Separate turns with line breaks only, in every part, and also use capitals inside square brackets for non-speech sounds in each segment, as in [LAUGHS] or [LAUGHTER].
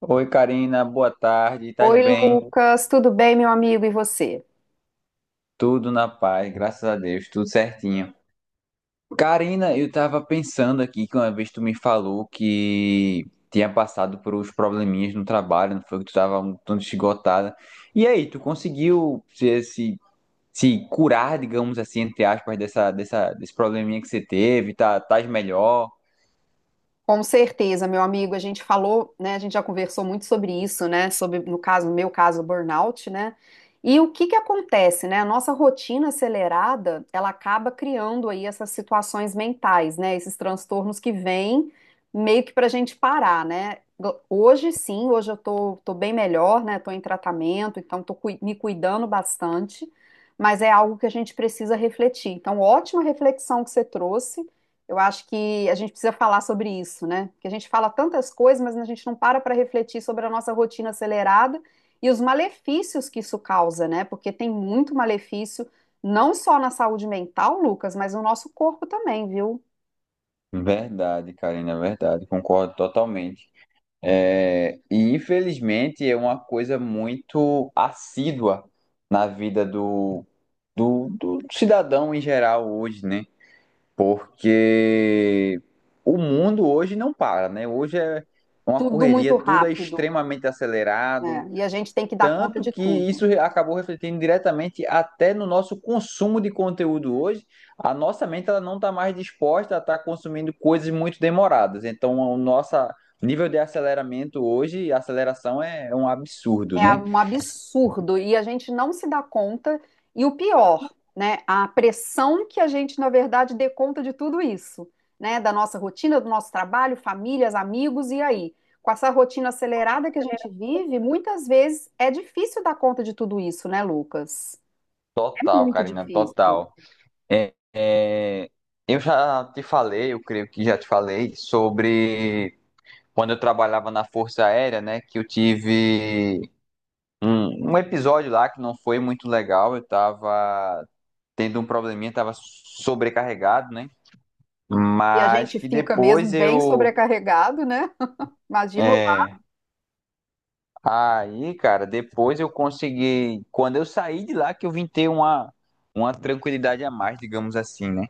Oi, Karina, boa tarde. Estás
Oi,
bem?
Lucas, tudo bem, meu amigo? E você?
Tudo na paz, graças a Deus, tudo certinho. Karina, eu tava pensando aqui que uma vez tu me falou que tinha passado por uns probleminhas no trabalho, não foi que tu tava um tanto esgotada. E aí, tu conseguiu se curar, digamos assim, entre aspas, desse probleminha que você teve? Tá, tás melhor?
Com certeza, meu amigo, a gente falou, né? A gente já conversou muito sobre isso, né? Sobre, no caso, no meu caso, burnout, né? E o que que acontece, né? A nossa rotina acelerada, ela acaba criando aí essas situações mentais, né? Esses transtornos que vêm meio que pra gente parar, né? Hoje sim, hoje eu tô bem melhor, né? Tô em tratamento, então me cuidando bastante, mas é algo que a gente precisa refletir. Então, ótima reflexão que você trouxe. Eu acho que a gente precisa falar sobre isso, né? Porque a gente fala tantas coisas, mas a gente não para para refletir sobre a nossa rotina acelerada e os malefícios que isso causa, né? Porque tem muito malefício, não só na saúde mental, Lucas, mas no nosso corpo também, viu?
Verdade, Karina, é verdade, concordo totalmente. É, e infelizmente é uma coisa muito assídua na vida do cidadão em geral hoje, né? Porque o mundo hoje não para, né? Hoje é uma
Tudo
correria,
muito
tudo é
rápido,
extremamente acelerado,
né? E a gente tem que dar conta
tanto
de
que
tudo.
isso acabou refletindo diretamente até no nosso consumo de conteúdo hoje. A nossa mente ela não está mais disposta a estar consumindo coisas muito demoradas. Então, o nosso nível de aceleramento hoje, a aceleração é um absurdo,
É
né?
um absurdo e a gente não se dá conta. E o pior, né, a pressão que a gente, na verdade, dê conta de tudo isso, né, da nossa rotina, do nosso trabalho, famílias, amigos, e aí? Com essa rotina acelerada que a gente vive, muitas vezes é difícil dar conta de tudo isso, né, Lucas? É
Total,
muito
Karina,
difícil.
total. É, é, eu já te falei, eu creio que já te falei, sobre quando eu trabalhava na Força Aérea, né? Que eu tive um episódio lá que não foi muito legal. Eu estava tendo um probleminha, estava sobrecarregado, né?
E a
Mas
gente
que
fica mesmo
depois
bem
eu.
sobrecarregado, né? Imagino.
é, aí, cara, depois eu consegui. Quando eu saí de lá, que eu vim ter uma tranquilidade a mais, digamos assim, né?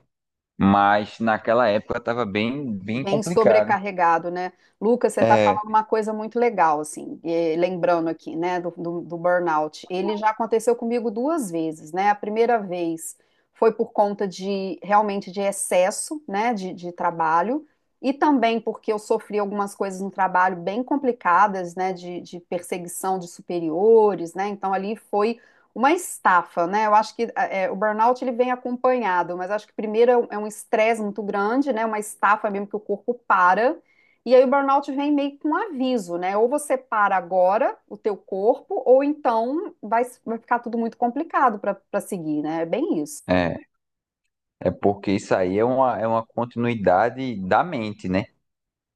Mas naquela época estava bem, bem
Bem
complicado.
sobrecarregado, né? Lucas, você está
É,
falando uma coisa muito legal, assim, lembrando aqui, né, do burnout. Ele já aconteceu comigo duas vezes, né? A primeira vez foi por conta de realmente de excesso, né, de trabalho, e também porque eu sofri algumas coisas no trabalho bem complicadas, né, de perseguição de superiores, né? Então ali foi uma estafa, né? Eu acho que o burnout ele vem acompanhado, mas acho que primeiro é um estresse muito grande, né? Uma estafa mesmo que o corpo para. E aí o burnout vem meio com um aviso, né? Ou você para agora o teu corpo, ou então vai ficar tudo muito complicado para seguir, né? É bem isso.
é, é porque isso aí é uma continuidade da mente, né?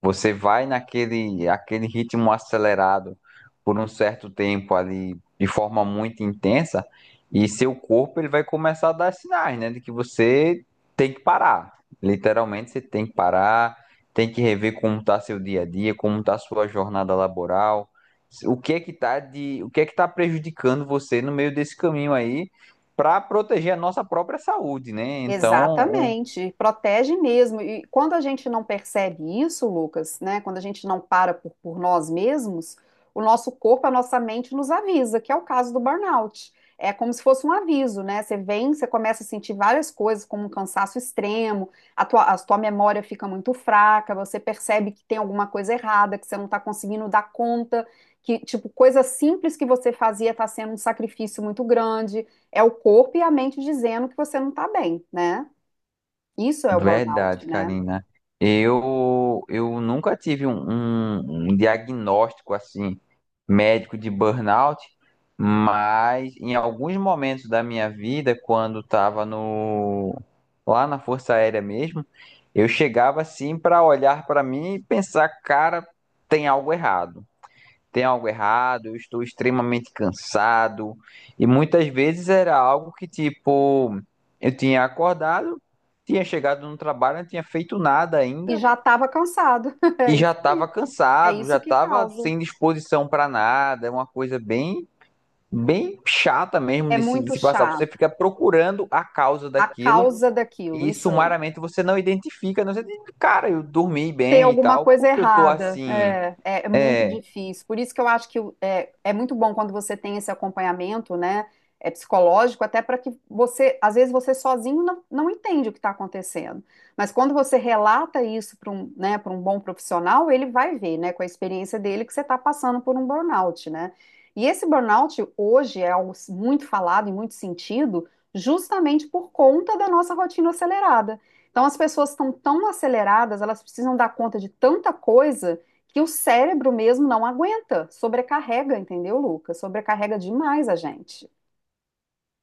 Você vai naquele aquele ritmo acelerado por um certo tempo ali, de forma muito intensa, e seu corpo ele vai começar a dar sinais, né, de que você tem que parar. Literalmente você tem que parar, tem que rever como está seu dia a dia, como está sua jornada laboral, o que é que tá prejudicando você no meio desse caminho aí, para proteger a nossa própria saúde, né? Então,
Exatamente, protege mesmo. E quando a gente não percebe isso, Lucas, né? Quando a gente não para por nós mesmos, o nosso corpo, a nossa mente nos avisa, que é o caso do burnout. É como se fosse um aviso, né? Você vem, você começa a sentir várias coisas, como um cansaço extremo, a tua memória fica muito fraca, você percebe que tem alguma coisa errada, que você não está conseguindo dar conta, que, tipo, coisa simples que você fazia está sendo um sacrifício muito grande. É o corpo e a mente dizendo que você não está bem, né? Isso é o burnout,
verdade,
né?
Karina. Eu nunca tive um diagnóstico assim médico de burnout, mas em alguns momentos da minha vida, quando estava no lá na Força Aérea mesmo, eu chegava assim para olhar para mim e pensar, cara, tem algo errado, tem algo errado, eu estou extremamente cansado. E muitas vezes era algo que, tipo, eu tinha acordado, tinha chegado no trabalho, não tinha feito nada
E
ainda
já estava cansado. [LAUGHS]
e
É
já
isso
estava
aí. É
cansado, já
isso que
estava
causa.
sem disposição para nada. É uma coisa bem, bem chata mesmo
É
de
muito
se passar. Você fica
chato.
procurando a causa
A
daquilo.
causa daquilo,
E
isso aí.
sumariamente você não identifica, não sei, cara, eu dormi
Ter
bem e
alguma
tal,
coisa
porque eu tô
errada.
assim,
É, é, é muito
é,
difícil. Por isso que eu acho que é muito bom quando você tem esse acompanhamento, né? É psicológico, até para que você, às vezes você sozinho não, não entende o que está acontecendo. Mas quando você relata isso para um, né, para um bom profissional, ele vai ver, né, com a experiência dele, que você está passando por um burnout, né? E esse burnout hoje é algo muito falado em muito sentido, justamente por conta da nossa rotina acelerada. Então, as pessoas estão tão aceleradas, elas precisam dar conta de tanta coisa que o cérebro mesmo não aguenta, sobrecarrega, entendeu, Lucas? Sobrecarrega demais a gente.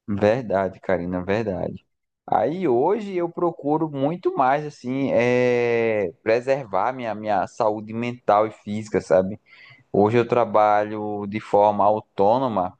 verdade, Karina, verdade. Aí hoje eu procuro muito mais assim, é, preservar minha saúde mental e física, sabe? Hoje eu trabalho de forma autônoma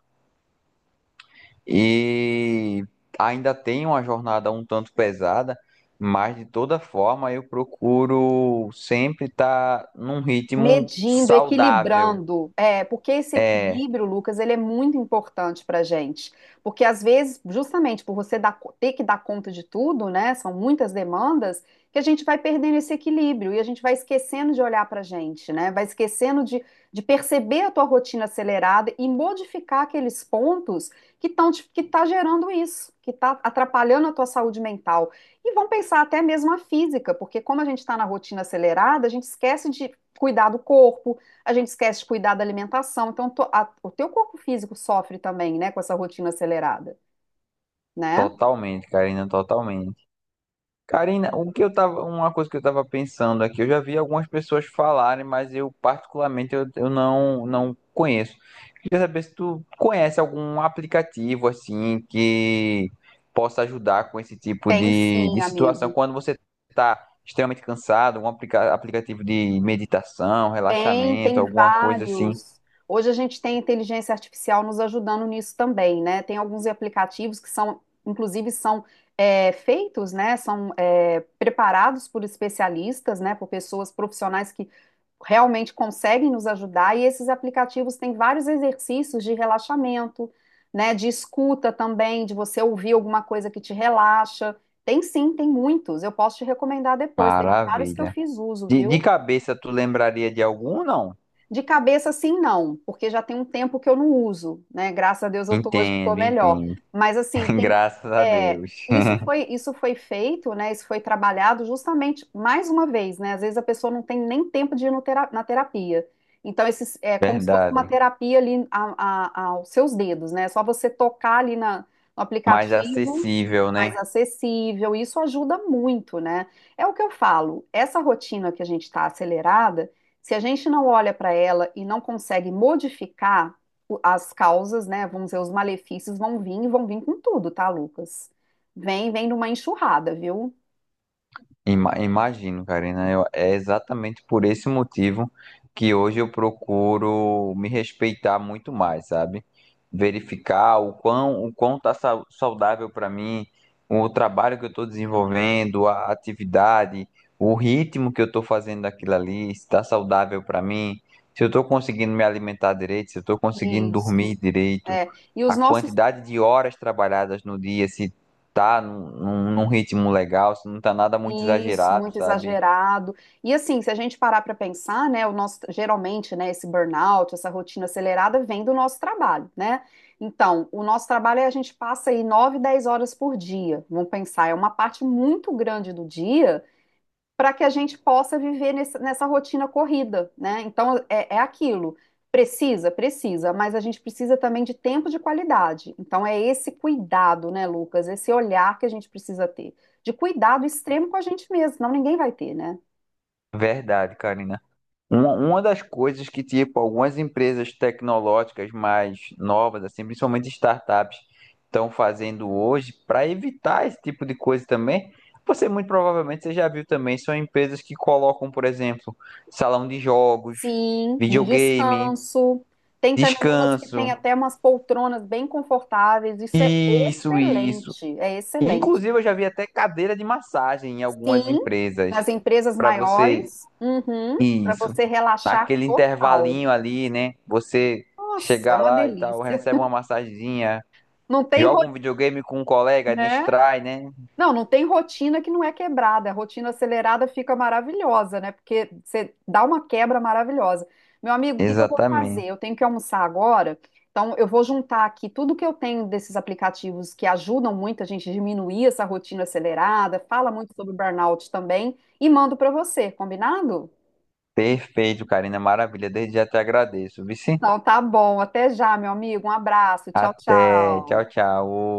e ainda tenho uma jornada um tanto pesada, mas de toda forma eu procuro sempre estar num ritmo
Medindo,
saudável,
equilibrando, é, porque esse equilíbrio, Lucas, ele é muito importante para gente, porque às vezes, justamente por você ter que dar conta de tudo, né, são muitas demandas, que a gente vai perdendo esse equilíbrio e a gente vai esquecendo de olhar para a gente, né, vai esquecendo de perceber a tua rotina acelerada e modificar aqueles pontos que estão que tá gerando isso, que está atrapalhando a tua saúde mental. E vão pensar até mesmo a física, porque como a gente está na rotina acelerada, a gente esquece de cuidar do corpo, a gente esquece de cuidar da alimentação. Então, o teu corpo físico sofre também, né, com essa rotina acelerada, né?
totalmente. Karina, o que eu tava, uma coisa que eu estava pensando aqui, eu já vi algumas pessoas falarem, mas eu particularmente eu não conheço. Queria saber se tu conhece algum aplicativo assim que possa ajudar com esse tipo
Tem
de,
sim,
de situação
amigo.
quando você está extremamente cansado, algum aplicativo de meditação,
Tem,
relaxamento,
tem
alguma coisa assim.
vários. Hoje a gente tem inteligência artificial nos ajudando nisso também, né? Tem alguns aplicativos que são, inclusive, são é, feitos, né? São é, preparados por especialistas, né? Por pessoas profissionais que realmente conseguem nos ajudar. E esses aplicativos têm vários exercícios de relaxamento, né? De escuta também, de você ouvir alguma coisa que te relaxa. Tem sim, tem muitos. Eu posso te recomendar depois. Tem vários que eu
Maravilha.
fiz uso,
De
viu?
cabeça, tu lembraria de algum, não?
De cabeça, sim, não, porque já tem um tempo que eu não uso, né? Graças a Deus eu tô, hoje eu tô
Entendo,
melhor.
entendo.
Mas assim,
[LAUGHS]
tem,
Graças a
é,
Deus. [LAUGHS]
isso foi feito, né? Isso foi trabalhado justamente mais uma vez, né? Às vezes a pessoa não tem nem tempo de ir no na terapia. Então, esses, é como se fosse uma
Verdade.
terapia ali aos seus dedos, né? É só você tocar ali na, no
Mais
aplicativo
acessível, né?
mais acessível, isso ajuda muito, né? É o que eu falo, essa rotina que a gente está acelerada. Se a gente não olha para ela e não consegue modificar as causas, né? Vamos dizer, os malefícios vão vir e vão vir com tudo, tá, Lucas? Vem, vem numa enxurrada, viu?
Imagino, Karina. É exatamente por esse motivo que hoje eu procuro me respeitar muito mais, sabe? Verificar o quão tá saudável para mim, o trabalho que eu estou desenvolvendo, a atividade, o ritmo que eu estou fazendo aquilo ali, se está saudável para mim, se eu estou conseguindo me alimentar direito, se eu estou conseguindo dormir
Isso.
direito,
É, e os
a
nossos
quantidade de horas trabalhadas no dia, se tá num ritmo legal, se não tá nada muito
isso,
exagerado,
muito
sabe?
exagerado. E assim, se a gente parar para pensar, né, o nosso geralmente, né, esse burnout, essa rotina acelerada vem do nosso trabalho, né? Então, o nosso trabalho é a gente passa aí 9 10 horas por dia. Vamos pensar, é uma parte muito grande do dia para que a gente possa viver nessa rotina corrida, né? Então é, é aquilo. Precisa, precisa, mas a gente precisa também de tempo de qualidade. Então é esse cuidado, né, Lucas? Esse olhar que a gente precisa ter. De cuidado extremo com a gente mesmo, senão ninguém vai ter, né?
Verdade, Karina. Uma das coisas que, tipo, algumas empresas tecnológicas mais novas, assim, principalmente startups, estão fazendo hoje para evitar esse tipo de coisa também. Você muito provavelmente você já viu também, são empresas que colocam, por exemplo, salão de jogos,
Sim, de
videogame,
descanso. Tem também umas que tem
descanso,
até umas poltronas bem confortáveis. Isso é
isso.
excelente, é excelente.
Inclusive, eu já vi até cadeira de massagem em algumas
Sim,
empresas
nas empresas
para você
maiores, uhum, para
isso.
você relaxar
Naquele
total.
intervalinho ali, né? Você
Nossa, é
chegar
uma
lá e tal,
delícia.
recebe uma massagenzinha,
Não tem
joga um
rotina,
videogame com um colega,
né?
distrai, né?
Não, não tem rotina que não é quebrada. A rotina acelerada fica maravilhosa, né? Porque você dá uma quebra maravilhosa. Meu amigo, o que que eu vou fazer?
Exatamente.
Eu tenho que almoçar agora. Então, eu vou juntar aqui tudo que eu tenho desses aplicativos que ajudam muito a gente a diminuir essa rotina acelerada, fala muito sobre burnout também, e mando para você, combinado?
Perfeito, Karina. Maravilha. Desde já te agradeço. Vici?
Então, tá bom. Até já, meu amigo. Um abraço. Tchau,
Até.
tchau.
Tchau, tchau.